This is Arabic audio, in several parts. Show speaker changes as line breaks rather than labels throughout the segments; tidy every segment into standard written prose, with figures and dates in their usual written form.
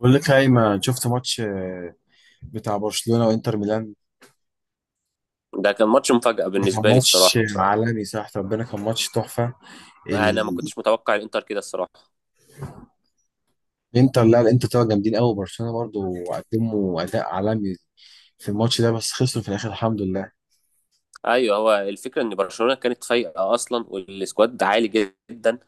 بقول لك هايما شفت ماتش بتاع برشلونة وانتر ميلان.
ده كان ماتش مفاجأة
ما كان
بالنسبة لي
ماتش
الصراحة.
عالمي؟ صح ربنا، كان ماتش تحفة.
أنا ما
ال-
كنتش متوقع الإنتر كده الصراحة.
الانتر، لا الانتر طلعوا جامدين قوي. برشلونة برضو قدموا اداء عالمي في الماتش ده، بس خسروا في الاخر الحمد لله.
أيوه، هو الفكرة إن برشلونة كانت فايقة أصلا والسكواد عالي جدا.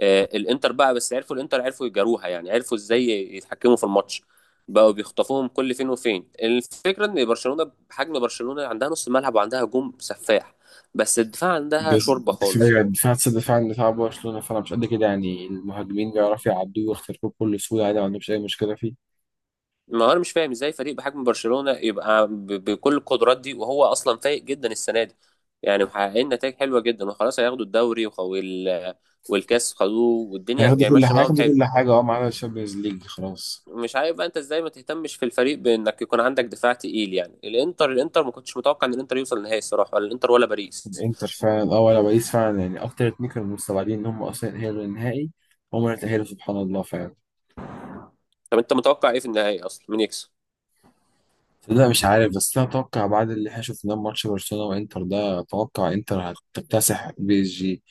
الإنتر بقى بس عرفوا الإنتر عرفوا يجاروها، يعني عرفوا إزاي يتحكموا في الماتش، بقوا بيخطفوهم كل فين وفين. الفكرة إن برشلونة بحجم برشلونة عندها نص ملعب وعندها هجوم سفاح، بس الدفاع عندها شوربة خالص.
دفاع دفاع برشلونة فانا مش قد كده، يعني المهاجمين بيعرفوا يعدوه ويخترقوه بكل سهولة عادي، ما عندهمش اي مشكلة فيه.
ما هو انا مش فاهم ازاي فريق بحجم برشلونة يبقى بكل القدرات دي، وهو اصلا فايق جدا السنة دي، يعني محققين نتائج حلوة جدا وخلاص هياخدوا الدوري والكاس خدوه، والدنيا يعني ماشية معاهم
هياخدوا
حلو.
كل حاجة اه، ما عدا الشامبيونز ليج خلاص.
مش عارف بقى انت ازاي ما تهتمش في الفريق بانك يكون عندك دفاع تقيل، يعني الانتر ما كنتش متوقع ان الانتر يوصل النهائي الصراحة، ولا الانتر ولا باريس.
انتر فعلا اه، ولا باريس فعلا، يعني اكتر اتنين كانوا مستبعدين ان هم اصلا يتأهلوا للنهائي، هم اللي تأهلوا سبحان الله فعلا.
طب انت متوقع ايه في النهائي اصلا؟ مين يكسب؟
لا مش عارف، بس انا اتوقع بعد اللي احنا شفناه في ماتش برشلونة وانتر ده، اتوقع انتر هتكتسح بي اس جي.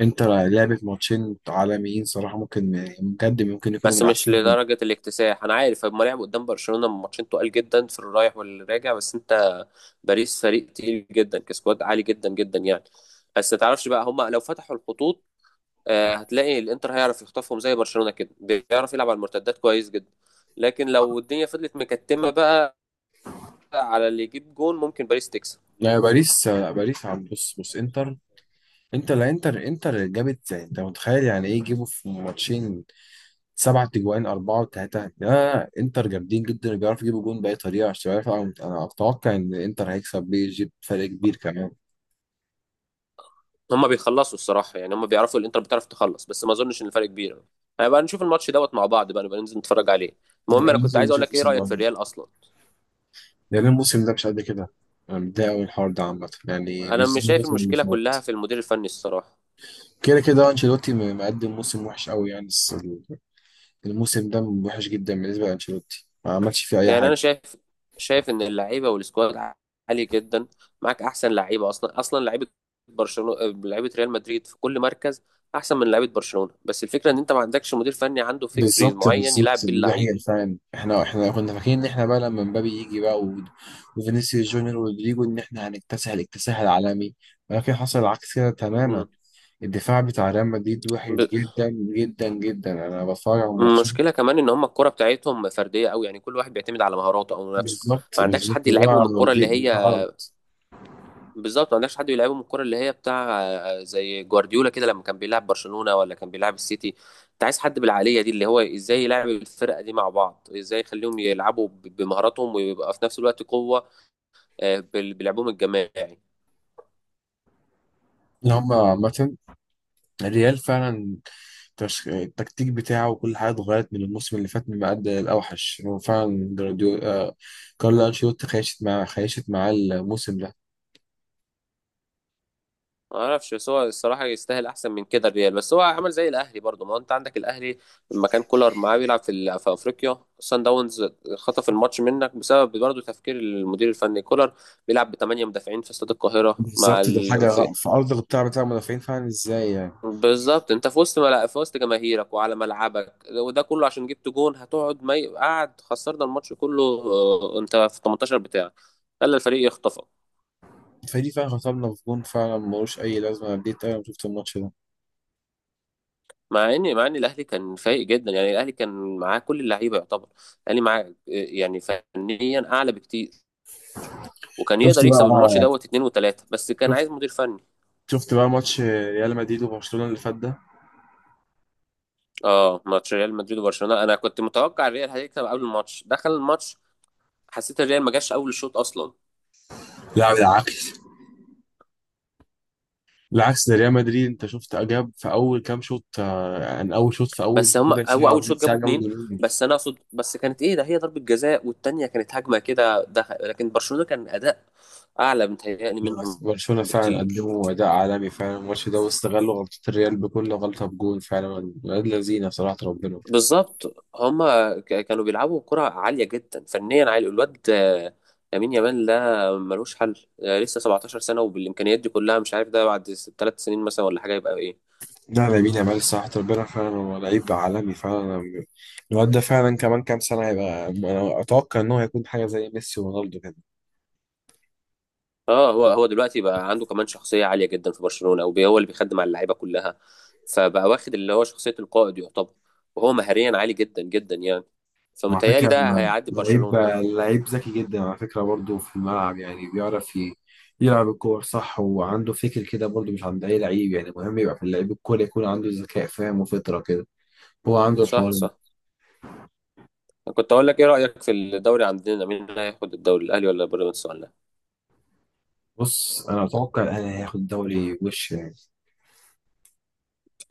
انتر لعبت ماتشين عالميين صراحة، ممكن بجد ممكن يكونوا
بس
من
مش
احسن.
لدرجة الاكتساح، أنا عارف هما لعبوا قدام برشلونة من ماتشين تقال جدا في الرايح والراجع، بس أنت باريس فريق تقيل جدا، كسكواد عالي جدا جدا يعني. بس ما تعرفش بقى، هما لو فتحوا الخطوط هتلاقي الإنتر هيعرف يخطفهم، زي برشلونة كده بيعرف يلعب على المرتدات كويس جدا. لكن لو الدنيا فضلت مكتمة بقى على اللي يجيب جون، ممكن باريس تكسب.
لا باريس لا باريس عم بص انتر. انتر لا انتر انتر جابت، يعني انت متخيل يعني ايه يجيبوا في ماتشين سبعة تجوان أربعة وتلاتة؟ آه انتر جامدين جدا، بيعرفوا يجيبوا جون بأي طريقة. مش عارف، أنا أتوقع إن انتر هيكسب بي إس جي بفرق كبير كمان.
هما بيخلصوا الصراحة، يعني هما بيعرفوا الإنتر بتعرف تخلص، بس ما أظنش إن الفرق كبير. هنبقى نشوف الماتش دوت مع بعض بقى، نبقى ننزل نتفرج عليه.
انا
المهم، أنا
بقالي
كنت
كتير ما
عايز أقول
شايف
لك، إيه
موسم
رأيك
ده،
في الريال أصلا؟
لأن الموسم ده مش قد كده. أنا متضايق أوي من الحوار ده عامة، يعني
انا
مش
مش
زي
شايف
الموسم اللي
المشكله
فات.
كلها في المدير الفني الصراحه.
كده كده أنشيلوتي مقدم موسم وحش أوي يعني، بس الموسم ده وحش جدا بالنسبة لأنشيلوتي، ما عملش فيه أي
يعني
حاجة.
انا شايف، ان اللعيبه والسكواد عالي جدا. معاك احسن لعيبه، اصلا لعيبه برشلونه، لعيبه ريال مدريد في كل مركز احسن من لعيبه برشلونه. بس الفكره ان انت ما عندكش مدير فني عنده فكر
بالظبط
معين
بالظبط
يلعب بيه
دي حقيقة
اللعيبه.
فعلا، احنا كنا فاكرين ان احنا بقى لما مبابي يجي بقى وفينيسيوس جونيور ورودريجو، ان احنا هنكتسح الاكتساح العالمي، ولكن حصل العكس كده تماما.
مم.
الدفاع بتاع ريال مدريد وحش
ب-
جدا جدا جدا. انا بتفرج على الماتشات.
المشكله كمان ان هم الكره بتاعتهم فرديه قوي، يعني كل واحد بيعتمد على مهاراته او نفسه.
بالظبط
ما عندكش
بالظبط،
حد يلعبهم
ده
الكره
دي
اللي هي،
ده غلط.
بالظبط، ما عندكش حد بيلعبهم الكرة اللي هي بتاع زي جوارديولا كده لما كان بيلعب برشلونة ولا كان بيلعب السيتي. انت عايز حد بالعقلية دي، اللي هو ازاي يلعب الفرقة دي مع بعض، ازاي يخليهم يلعبوا بمهاراتهم ويبقى في نفس الوقت قوة بلعبهم الجماعي.
اللي هم عامة الريال فعلا، التكتيك بتاعه وكل حاجة اتغيرت من الموسم اللي فات، من أقل الأوحش هو فعلا جراديو آه، كارلو أنشيلوتي خيشت معاه الموسم ده.
ما اعرفش، بس هو الصراحة يستاهل احسن من كده الريال. بس هو عمل زي الاهلي برضه. ما هو انت عندك الاهلي لما كان كولر معاه بيلعب في في افريقيا سان داونز، خطف الماتش منك بسبب برضه تفكير المدير الفني كولر، بيلعب بثمانية مدافعين في استاد القاهرة مع
بالظبط، ده حاجة
في،
في أرض القطاع بتاع المدافعين فعلا إزاي يعني.
بالظبط، انت في وسط جماهيرك وعلى ملعبك، وده كله عشان جبت جون، هتقعد ما ي... قاعد خسرنا الماتش كله. اه، انت في 18 بتاعك، خلى الفريق يخطفك.
فدي فعلا خطبنا في جون فعلا، ملوش أي لازمة. أنا نديت أوي لما شفت الماتش ده.
مع ان الاهلي كان فايق جدا، يعني الاهلي كان معاه كل اللعيبه يعتبر. الاهلي معاه، يعني فنيا اعلى بكتير، وكان
شفت
يقدر
بقى
يكسب الماتش
آه،
دوت 2 و 3، بس كان
شفت
عايز مدير فني.
شفت بقى ماتش ريال مدريد وبرشلونة اللي فات ده.
اه، ماتش ريال مدريد وبرشلونه انا كنت متوقع الريال هيكسب، قبل الماتش. دخل الماتش حسيت الريال ما جاش اول الشوط اصلا.
لا بالعكس، بالعكس ده ريال مدريد أنت شفت، جاب في أول كام شوط آه، يعني أول شوط في أول
بس هم
ربع
هو
ساعة
اول
أو تلت
شوط
ساعة
جابوا
جابوا
اتنين،
جولين.
بس انا اقصد بس كانت ايه، ده هي ضربة جزاء، والتانية كانت هجمة كده دخل، لكن برشلونة كان اداء اعلى متهيألي
لا،
منهم
برشلونة فعلا
بكتير.
قدموا أداء عالمي فعلا الماتش ده، واستغلوا غلطة الريال بكل غلطة بجون فعلا. ولاد لذينة صراحة ربنا.
بالظبط، هم كانوا بيلعبوا كرة عالية جدا، فنيا عالي. الواد لامين يامال ده ملوش حل، لسه 17 سنة وبالامكانيات دي كلها، مش عارف ده بعد 3 سنين مثلا ولا حاجة يبقى ايه.
لا لامين يامال صراحة ربنا فعلا هو لعيب عالمي فعلا. الواد ده فعلا كمان كام سنة هيبقى، أنا أتوقع إن هو هيكون حاجة زي ميسي ورونالدو كده.
اه، هو دلوقتي بقى عنده كمان شخصيه عاليه جدا في برشلونه، او هو اللي بيخدم على اللعيبه كلها، فبقى واخد اللي هو شخصيه القائد يعتبر، وهو مهاريا عالي جدا جدا يعني.
وعلى
فمتهيألي
فكرة،
ده هيعدي
لعيب
برشلونه.
لعيب ذكي جدا على فكرة برضه في الملعب، يعني بيعرف يلعب الكور صح، وعنده فكر كده برضه مش عند أي لعيب. يعني مهم يبقى في اللعيب الكورة يكون عنده ذكاء فاهم وفطرة كده، هو عنده
صح،
الحوار ده.
صح. كنت اقول لك، ايه رايك في الدوري عندنا؟ مين هياخد الدوري، الاهلي ولا بيراميدز ولا لا؟
بص أنا أتوقع الأهلي هياخد الدوري وش يعني.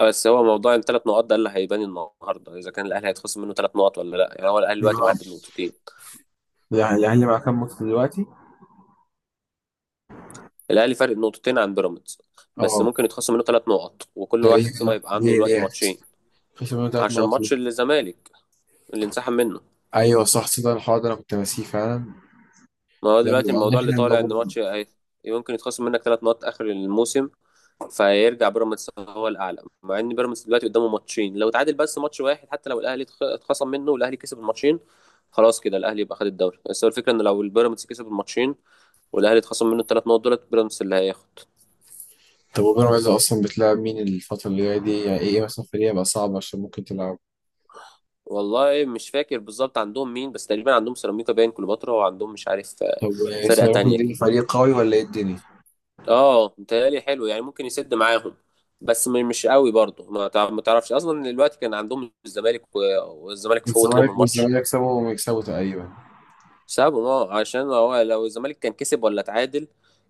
بس هو موضوع الـ3 نقاط ده اللي هيبان النهارده، اذا كان الاهلي هيتخصم منه 3 نقط ولا لا. يعني هو الاهلي دلوقتي
نعم.
معدي بنقطتين،
يعني الأهلي معاه كام ماتش دلوقتي؟
الاهلي فارق نقطتين عن بيراميدز، بس
أه،
ممكن يتخصم منه 3 نقط، وكل واحد فيهم
تقريبا.
هيبقى عنده
ليه
دلوقتي
ليه
ماتشين.
خسر منه تلات
عشان
نقط ليه.
ماتش الزمالك اللي انسحب منه.
ايوه صح، صدق الحوار ده انا كنت ناسيه فعلا.
ما هو
لما
دلوقتي
يعني
الموضوع اللي
احنا
طالع ان
لو.
يمكن يتخصم منك 3 نقط اخر الموسم، فيرجع بيراميدز هو الاعلى. مع ان بيراميدز دلوقتي قدامه ماتشين، لو اتعادل بس ماتش واحد، حتى لو الاهلي اتخصم منه والاهلي كسب الماتشين، خلاص كده الاهلي يبقى خد الدوري. بس هو الفكره ان لو البيراميدز كسب الماتشين والاهلي اتخصم منه الـ3 نقط، دولت بيراميدز اللي هياخد.
طب وبيراميدز اصلا بتلعب مين الفترة اللي جاية دي، يعني ايه إيه مثلا فريق هيبقى صعب عشان ممكن تلعب.
والله مش فاكر بالظبط عندهم مين، بس تقريبا عندهم سيراميكا، باين كليوباترا، وعندهم مش عارف
طب
فرقه
سيراميكا
تانية
دي
كده.
فريق قوي ولا ايه الدنيا؟
اه، متهيألي حلو يعني، ممكن يسد معاهم، بس مش قوي برضه. ما تعرفش اصلا، دلوقتي كان عندهم الزمالك والزمالك فوت
الزمالك،
لهم الماتش،
والزمالك يكسبوا ويكسبوا تقريبا.
سابهم. اه، عشان هو لو الزمالك كان كسب ولا اتعادل،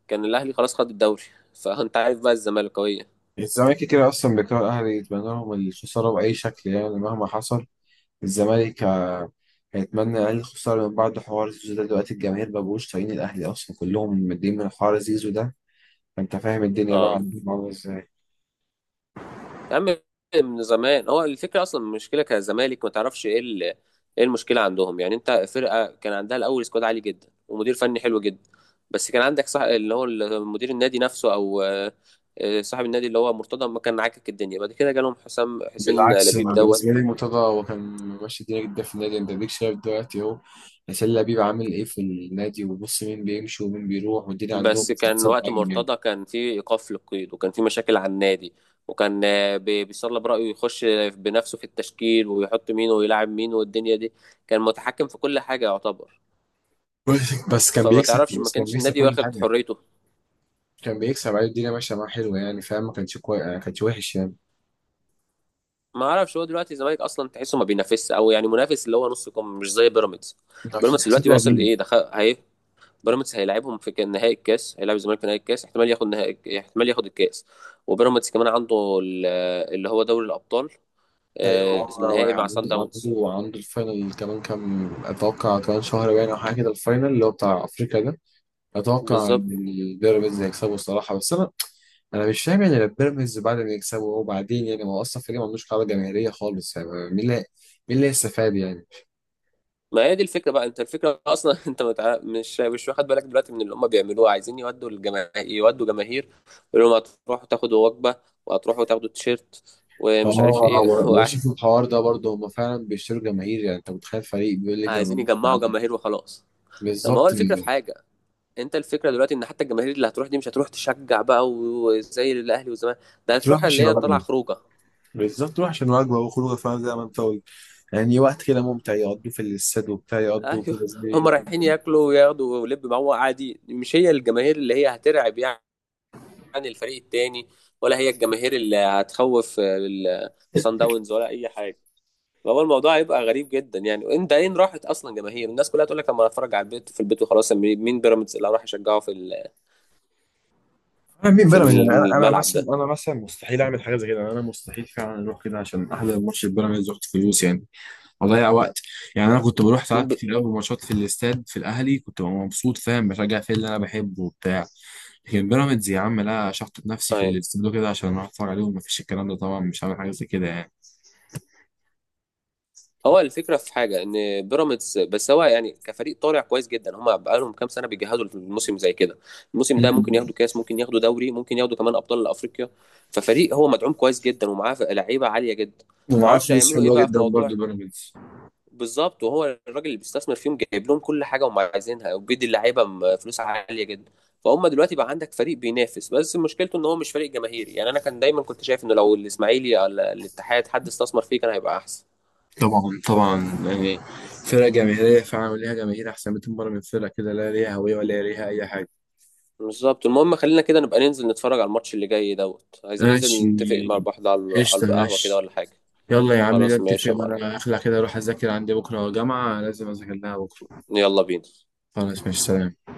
كان الاهلي خلاص خد الدوري فانت عارف بقى الزمالكاويه.
الزمالك كده اصلا بيكره الاهلي، يتمنى لهم الخسارة بأي شكل يعني مهما حصل. الزمالك هيتمنى اقل خسارة، من بعد حوار زيزو ده دلوقتي الجماهير مبقوش طايقين الاهلي اصلا، كلهم مدين من حوار زيزو ده. فانت فاهم الدنيا بقى
اه
عندهم عاملة ازاي.
يا عم، من زمان. هو الفكره اصلا، المشكله كزمالك ما تعرفش ايه ايه المشكله عندهم، يعني انت فرقه كان عندها الاول سكواد عالي جدا، ومدير فني حلو جدا. بس كان عندك، صح، اللي هو مدير النادي نفسه او صاحب النادي اللي هو مرتضى، ما كان عاكك الدنيا، بعد كده جالهم حسام، حسين
بالعكس
لبيب
انا بالنسبه
دوت.
لي مرتضى هو كان ماشي الدنيا جدا في النادي. انت اديك شايف دلوقتي اهو، حسين لبيب عامل ايه في النادي، وبص مين بيمشي ومين بيروح، والدنيا عندهم
بس
مش
كان
احسن
وقت
حاجه يعني.
مرتضى كان في ايقاف للقيد، وكان في مشاكل على النادي، وكان بيصلب رأيه يخش بنفسه في التشكيل، ويحط مين ويلعب مين والدنيا دي، كان متحكم في كل حاجه يعتبر.
بس بس كان
فما
بيكسب
تعرفش، ما
بس كان
كانش
بيكسب
النادي
كل
واخد
حاجه،
حريته.
كان بيكسب عليه الدنيا ماشيه معاه حلوه يعني، فاهم؟ ما كانش كويس ما كانش وحش يعني.
ما اعرفش، هو دلوقتي الزمالك اصلا تحسه ما بينافسش، او يعني منافس اللي هو نص كم، مش زي بيراميدز.
انت عشان
بيراميدز
حسين
دلوقتي واصل
لبيب.
لايه؟ دخل هي، بيراميدز هيلاعبهم في نهائي الكاس، هيلاعب الزمالك في نهائي الكاس، احتمال ياخد نهائي، احتمال ياخد الكاس. وبيراميدز كمان عنده اللي هو دوري الابطال
ايوه هو
النهائي مع
عنده،
سان داونز.
عنده الفاينل كمان كام، اتوقع كمان شهر باين او حاجه كده، الفاينل اللي هو بتاع افريقيا ده. اتوقع ان
بالظبط.
البيراميدز هيكسبه الصراحه. بس انا مش فاهم يعني بيراميدز بعد ما يكسبوا وبعدين يعني، ما هو اصلا فريق ما عندوش قاعده جماهيريه خالص، يعني مين اللي هيستفاد يعني.
ما هي دي الفكره بقى، انت الفكره اصلا انت متع... مش مش واخد بالك دلوقتي من اللي هم بيعملوه، عايزين يودوا الجماهير، يودوا جماهير يقولوا لهم هتروحوا تاخدوا وجبه، وهتروحوا تاخدوا تيشيرت
اه
ومش عارف ايه
هو بشوف الحوار ده برضه، هم فعلا بيشتروا جماهير، يعني انت متخيل فريق بيقول لي
عايزين
جماهير
يجمعوا
تعالى.
جماهير وخلاص. طب ما هو
بالظبط
الفكره في
يعني.
حاجه، انت الفكره دلوقتي ان حتى الجماهير اللي هتروح دي مش هتروح تشجع بقى وزي الاهلي والزمالك، ده
هتروح
هتروح اللي
عشان
هي طالعه
وجبه.
خروجه.
بالظبط روح عشان وجبه وخروجه فعلا زي ما انت قلت، يعني وقت كده ممتع يقضوه في الاستاد وبتاع يقضوا
ايوه،
كده
هم
زي.
رايحين ياكلوا وياخدوا ولب معاهم عادي، مش هي الجماهير اللي هي هترعب يعني الفريق التاني، ولا هي الجماهير اللي هتخوف الصن داونز ولا اي حاجه. فهو الموضوع هيبقى غريب جدا يعني، وانت اين راحت اصلا جماهير؟ الناس كلها تقول لك لما اتفرج على البيت في البيت وخلاص. مين بيراميدز اللي هروح اشجعه في
انا مين
في
بيراميدز، انا انا
الملعب
مثلا
ده؟
انا مثلا مستحيل اعمل حاجه زي كده، انا مستحيل فعلا اروح كده عشان احضر ماتش بيراميدز واخد فلوس يعني، اضيع وقت. يعني انا كنت بروح ساعات
ب...
كتير قوي ماتشات في الاستاد في الاهلي، كنت ببقى مبسوط فاهم، بشجع في اللي انا بحبه وبتاع. لكن بيراميدز يا عم لا، شحطت نفسي في
أيوة.
الاستاد كده عشان اروح اتفرج عليهم، مفيش الكلام ده طبعا، مش هعمل حاجه زي كده يعني.
هو الفكره في حاجه ان بيراميدز، بس هو يعني كفريق طالع كويس جدا، هم بقالهم كام سنه بيجهزوا الموسم زي كده، الموسم
م-
ده ممكن
م.
ياخدوا كاس، ممكن ياخدوا دوري، ممكن ياخدوا كمان ابطال افريقيا. ففريق هو مدعوم كويس جدا ومعاه لعيبه عاليه جدا. ما
ومعاه
اعرفش
فلوس
هيعملوا ايه
حلوه
بقى في
جدا برضه
موضوع.
بيراميدز.
بالظبط، وهو الراجل اللي بيستثمر فيهم جايب لهم كل حاجه هم عايزينها، وبيدي اللعيبه فلوس عاليه جدا. فهم دلوقتي بقى عندك فريق بينافس، بس مشكلته ان هو مش فريق جماهيري. يعني انا كان دايما كنت شايف انه لو الاسماعيلي ولا الاتحاد حد استثمر فيه كان هيبقى احسن.
طبعا طبعا يعني فرقه جماهيريه فعلا ليها جماهير احسن 200 مره من فرقه كده لا ليها هويه ولا ليها اي حاجه.
بالظبط. المهم خلينا كده نبقى ننزل نتفرج على الماتش اللي جاي دوت. عايزين ننزل
ماشي،
نتفق مع بعض على
قشطه
القهوه كده
ماشي.
ولا حاجه؟
يلا يا عم
خلاص
نتفق،
ماشي يا معلم،
وانا اخلع كده اروح اذاكر عندي بكره جامعه لازم اذاكر لها بكره.
يلا بينا.
خلاص مش سلام.